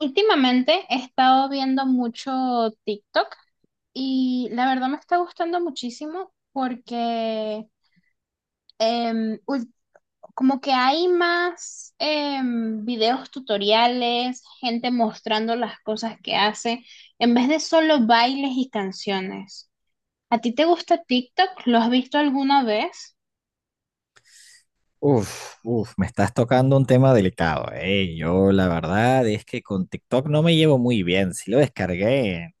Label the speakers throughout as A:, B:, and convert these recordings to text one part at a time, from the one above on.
A: Últimamente he estado viendo mucho TikTok y la verdad me está gustando muchísimo porque em, ul- como que hay más videos tutoriales, gente mostrando las cosas que hace, en vez de solo bailes y canciones. ¿A ti te gusta TikTok? ¿Lo has visto alguna vez?
B: Uf, uf, me estás tocando un tema delicado, ¿eh? Yo la verdad es que con TikTok no me llevo muy bien. Sí lo descargué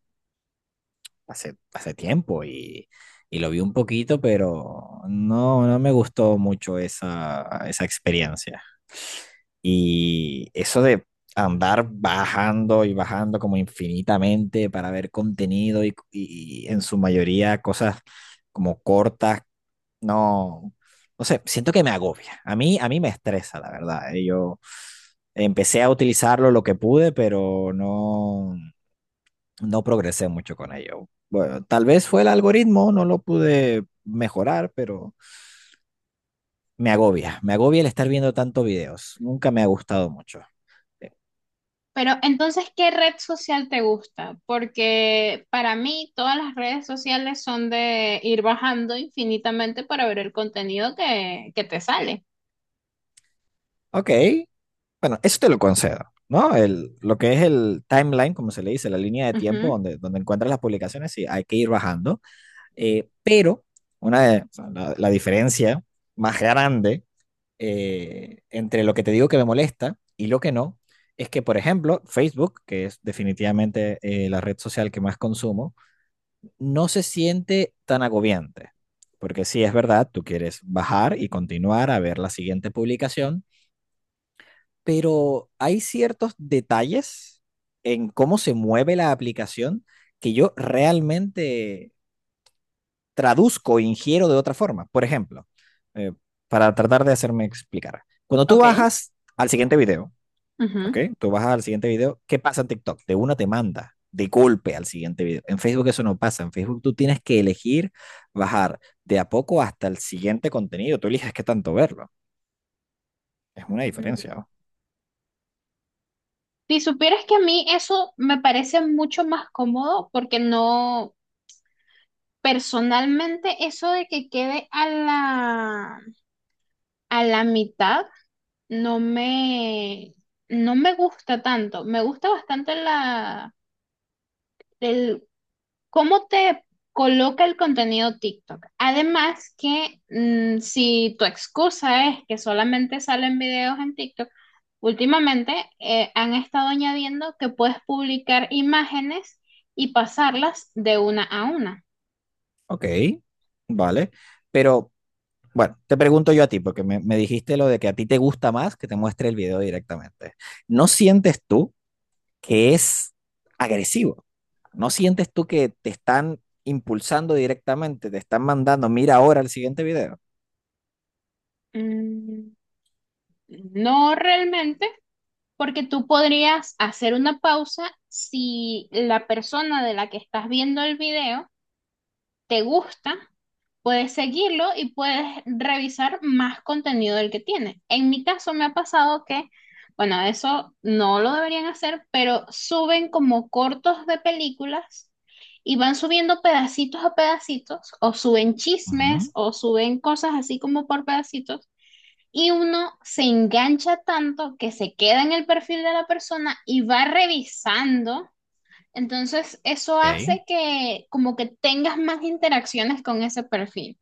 B: hace tiempo y lo vi un poquito, pero no, no me gustó mucho esa experiencia. Y eso de andar bajando y bajando como infinitamente para ver contenido y en su mayoría cosas como cortas no, no sé, siento que me agobia. A mí me estresa, la verdad. Yo empecé a utilizarlo lo que pude, pero no, no progresé mucho con ello. Bueno, tal vez fue el algoritmo, no lo pude mejorar, pero me agobia. Me agobia el estar viendo tantos videos. Nunca me ha gustado mucho. Eh,
A: Pero entonces, ¿qué red social te gusta? Porque para mí todas las redes sociales son de ir bajando infinitamente para ver el contenido que te sale.
B: Ok, bueno, eso te lo concedo, ¿no? El, lo que es el timeline, como se le dice, la línea de tiempo
A: Ujú.
B: donde, donde encuentras las publicaciones, sí, hay que ir bajando. Pero o sea, la diferencia más grande, entre lo que te digo que me molesta y lo que no, es que, por ejemplo, Facebook, que es definitivamente, la red social que más consumo, no se siente tan agobiante. Porque sí es verdad, tú quieres bajar y continuar a ver la siguiente publicación, pero hay ciertos detalles en cómo se mueve la aplicación que yo realmente traduzco e ingiero de otra forma. Por ejemplo, eh, para tratar de hacerme explicar. Cuando tú
A: Ok,
B: bajas al siguiente video, ¿ok?
A: ujú.
B: Tú bajas al siguiente video, ¿qué pasa en TikTok? De una te manda de golpe al siguiente video. En Facebook eso no pasa. En Facebook tú tienes que elegir bajar de a poco hasta el siguiente contenido. Tú eliges qué tanto verlo. Es una
A: Mm.
B: diferencia, ¿no?
A: Si supieras que a mí eso me parece mucho más cómodo porque no, personalmente eso de que quede a la mitad no me, no me gusta tanto. Me gusta bastante la... el... ¿Cómo te coloca el contenido TikTok? Además que si tu excusa es que solamente salen videos en TikTok, últimamente han estado añadiendo que puedes publicar imágenes y pasarlas de una a una.
B: Ok, vale. Pero bueno, te pregunto yo a ti, porque me dijiste lo de que a ti te gusta más que te muestre el video directamente. ¿No sientes tú que es agresivo? ¿No sientes tú que te están impulsando directamente, te están mandando, mira ahora el siguiente video?
A: Mm, no realmente, porque tú podrías hacer una pausa si la persona de la que estás viendo el video te gusta. Puedes seguirlo y puedes revisar más contenido del que tiene. En mi caso me ha pasado que, bueno, eso no lo deberían hacer, pero suben como cortos de películas y van subiendo pedacitos a pedacitos, o suben chismes,
B: Ujú,
A: o suben cosas así como por pedacitos, y uno se engancha tanto que se queda en el perfil de la persona y va revisando. Entonces, eso
B: ok.
A: hace que como que tengas más interacciones con ese perfil.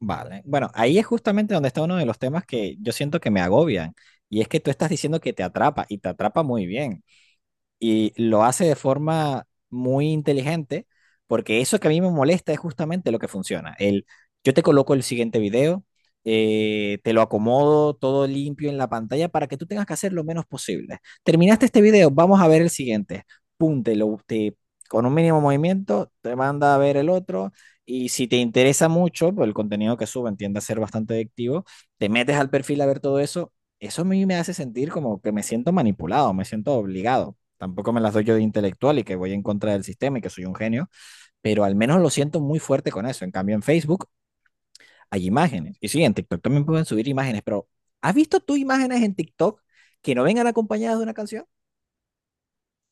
B: Vale. Bueno, ahí es justamente donde está uno de los temas que yo siento que me agobian. Y es que tú estás diciendo que te atrapa y te atrapa muy bien, y lo hace de forma muy inteligente, porque eso que a mí me molesta es justamente lo que funciona. El, yo te coloco el siguiente video, te lo acomodo todo limpio en la pantalla para que tú tengas que hacer lo menos posible. Terminaste este video, vamos a ver el siguiente. Pum, con un mínimo movimiento, te manda a ver el otro. Y si te interesa mucho, pues el contenido que suben tiende a ser bastante adictivo, te metes al perfil a ver todo eso. Eso a mí me hace sentir como que me siento manipulado, me siento obligado. Tampoco me las doy yo de intelectual y que voy en contra del sistema y que soy un genio, pero al menos lo siento muy fuerte con eso. En cambio, en Facebook hay imágenes. Y sí, en TikTok también pueden subir imágenes, pero ¿has visto tú imágenes en TikTok que no vengan acompañadas de una canción?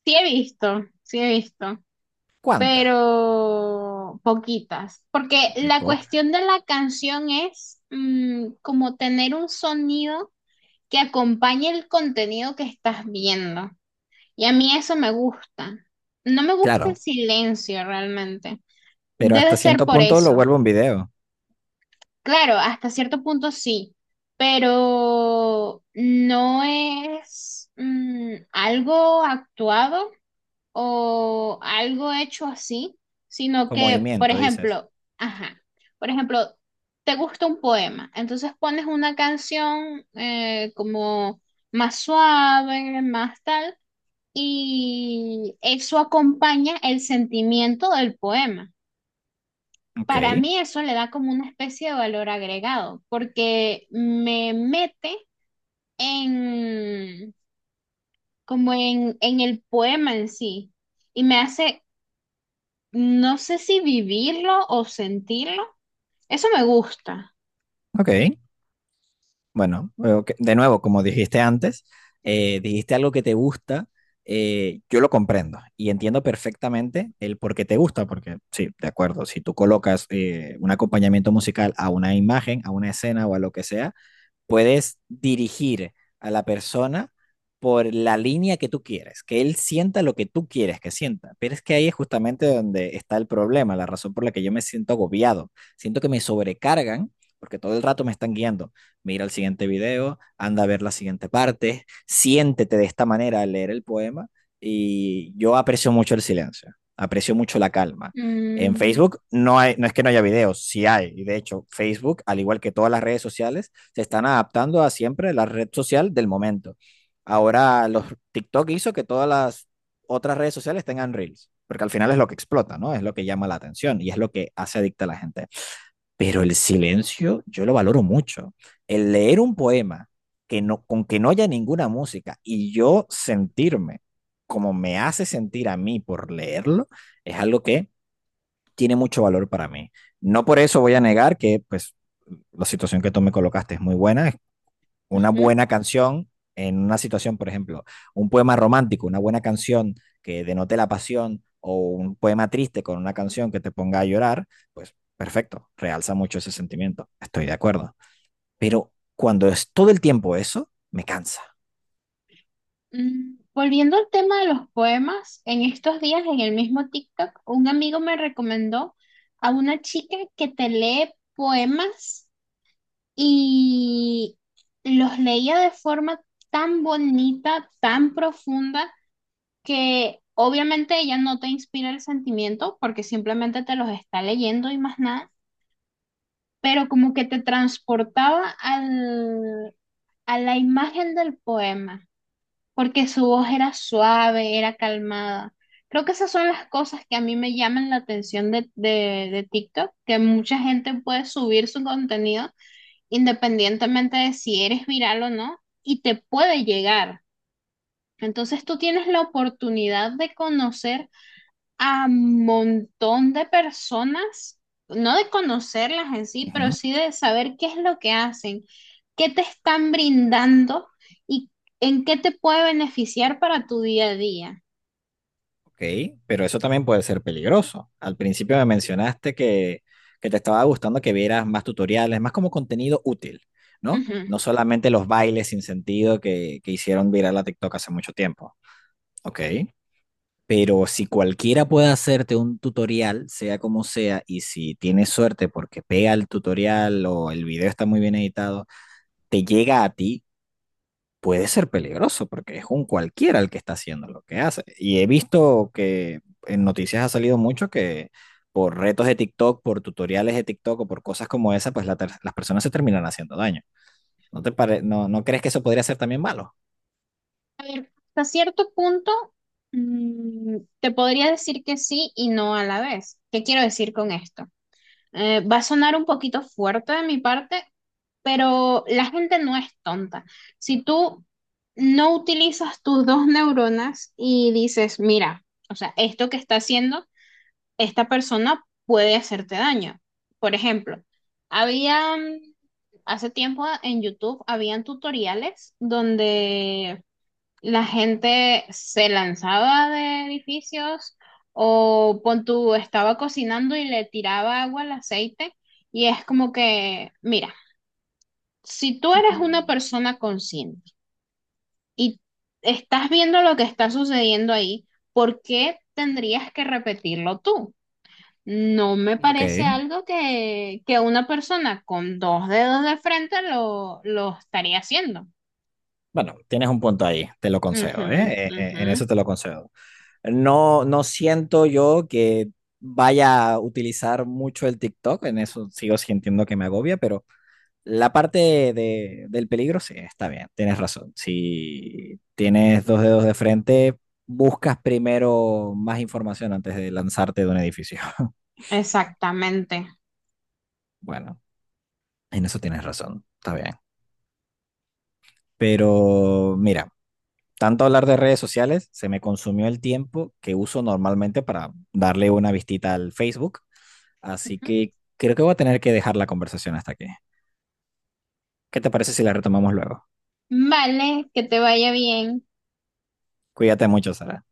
A: Sí he visto,
B: ¿Cuántas?
A: pero poquitas, porque
B: Muy
A: la
B: pocas.
A: cuestión de la canción es como tener un sonido que acompañe el contenido que estás viendo. Y a mí eso me gusta. No me gusta el
B: Claro,
A: silencio realmente.
B: pero
A: Debe
B: hasta
A: ser
B: cierto
A: por
B: punto lo
A: eso.
B: vuelvo un video,
A: Claro, hasta cierto punto sí, pero no es algo actuado o algo hecho así, sino
B: con
A: que, por
B: movimiento, dices.
A: ejemplo, ajá, por ejemplo, te gusta un poema, entonces pones una canción como más suave, más tal, y eso acompaña el sentimiento del poema. Para
B: Ok,
A: mí eso le da como una especie de valor agregado, porque me mete en como en el poema en sí y me hace... No sé si vivirlo o sentirlo. Eso me gusta.
B: ok. Bueno, ok, de nuevo, como dijiste antes, dijiste algo que te gusta, yo lo comprendo y entiendo perfectamente el por qué te gusta, porque sí, de acuerdo, si tú colocas, un acompañamiento musical a una imagen, a una escena o a lo que sea, puedes dirigir a la persona por la línea que tú quieres, que él sienta lo que tú quieres que sienta. Pero es que ahí es justamente donde está el problema, la razón por la que yo me siento agobiado. Siento que me sobrecargan porque todo el rato me están guiando. Mira el siguiente video, anda a ver la siguiente parte, siéntete de esta manera al leer el poema, y yo aprecio mucho el silencio, aprecio mucho la calma. En
A: Mm,
B: Facebook no hay, no es que no haya videos, sí hay. Y de hecho, Facebook, al igual que todas las redes sociales, se están adaptando a siempre la red social del momento. Ahora los TikTok hizo que todas las otras redes sociales tengan reels, porque al final es lo que explota, ¿no? Es lo que llama la atención y es lo que hace adicta a la gente. Pero el silencio yo lo valoro mucho. El leer un poema que no, con que no haya ninguna música y yo sentirme como me hace sentir a mí por leerlo, es algo que tiene mucho valor para mí. No por eso voy a negar que pues la situación que tú me colocaste es muy buena, una
A: ujú.
B: buena canción en una situación, por ejemplo, un poema romántico, una buena canción que denote la pasión o un poema triste con una canción que te ponga a llorar, pues perfecto, realza mucho ese sentimiento, estoy de acuerdo. Pero cuando es todo el tiempo eso, me cansa.
A: Mm, volviendo al tema de los poemas, en estos días en el mismo TikTok, un amigo me recomendó a una chica que te lee poemas y los leía de forma tan bonita, tan profunda, que obviamente ella no te inspira el sentimiento porque simplemente te los está leyendo y más nada, pero como que te transportaba a la imagen del poema, porque su voz era suave, era calmada. Creo que esas son las cosas que a mí me llaman la atención de TikTok, que mucha gente puede subir su contenido independientemente de si eres viral o no, y te puede llegar. Entonces tú tienes la oportunidad de conocer a montón de personas, no de conocerlas en sí, pero
B: Ujú.
A: sí de saber qué es lo que hacen, qué te están brindando y en qué te puede beneficiar para tu día a día.
B: Ok, pero eso también puede ser peligroso. Al principio me mencionaste que te estaba gustando que vieras más tutoriales, más como contenido útil, ¿no?
A: Ujú.
B: No solamente los bailes sin sentido que hicieron viral a TikTok hace mucho tiempo. Ok. Pero si cualquiera puede hacerte un tutorial, sea como sea, y si tienes suerte porque pega el tutorial o el video está muy bien editado, te llega a ti, puede ser peligroso porque es un cualquiera el que está haciendo lo que hace. Y he visto que en noticias ha salido mucho que por retos de TikTok, por tutoriales de TikTok o por cosas como esa, pues las personas se terminan haciendo daño. No, ¿no crees que eso podría ser también malo?
A: Hasta cierto punto, te podría decir que sí y no a la vez. ¿Qué quiero decir con esto? Va a sonar un poquito fuerte de mi parte, pero la gente no es tonta. Si tú no utilizas tus dos neuronas y dices, mira, o sea, esto que está haciendo esta persona puede hacerte daño. Por ejemplo, había, hace tiempo en YouTube, habían tutoriales donde la gente se lanzaba de edificios o pon tú, estaba cocinando y le tiraba agua al aceite, y es como que, mira, si tú eres
B: Ujú.
A: una persona consciente y estás viendo lo que está sucediendo ahí, ¿por qué tendrías que repetirlo tú? No me
B: Ok.
A: parece algo que una persona con dos dedos de frente lo estaría haciendo.
B: Bueno, tienes un punto ahí, te lo
A: Ujú,
B: concedo, ¿eh?
A: ujú.
B: En eso te lo concedo. No, no siento yo que vaya a utilizar mucho el TikTok, en eso sigo sintiendo que me agobia, pero la parte del peligro sí, está bien, tienes razón. Si tienes dos dedos de frente, buscas primero más información antes de lanzarte de un edificio.
A: Exactamente.
B: Bueno, en eso tienes razón, está bien. Pero mira, tanto hablar de redes sociales, se me consumió el tiempo que uso normalmente para darle una vistita al Facebook. Así que creo que voy a tener que dejar la conversación hasta aquí. ¿Qué te parece si la retomamos luego?
A: Vale, que te vaya bien.
B: Cuídate mucho, Sara.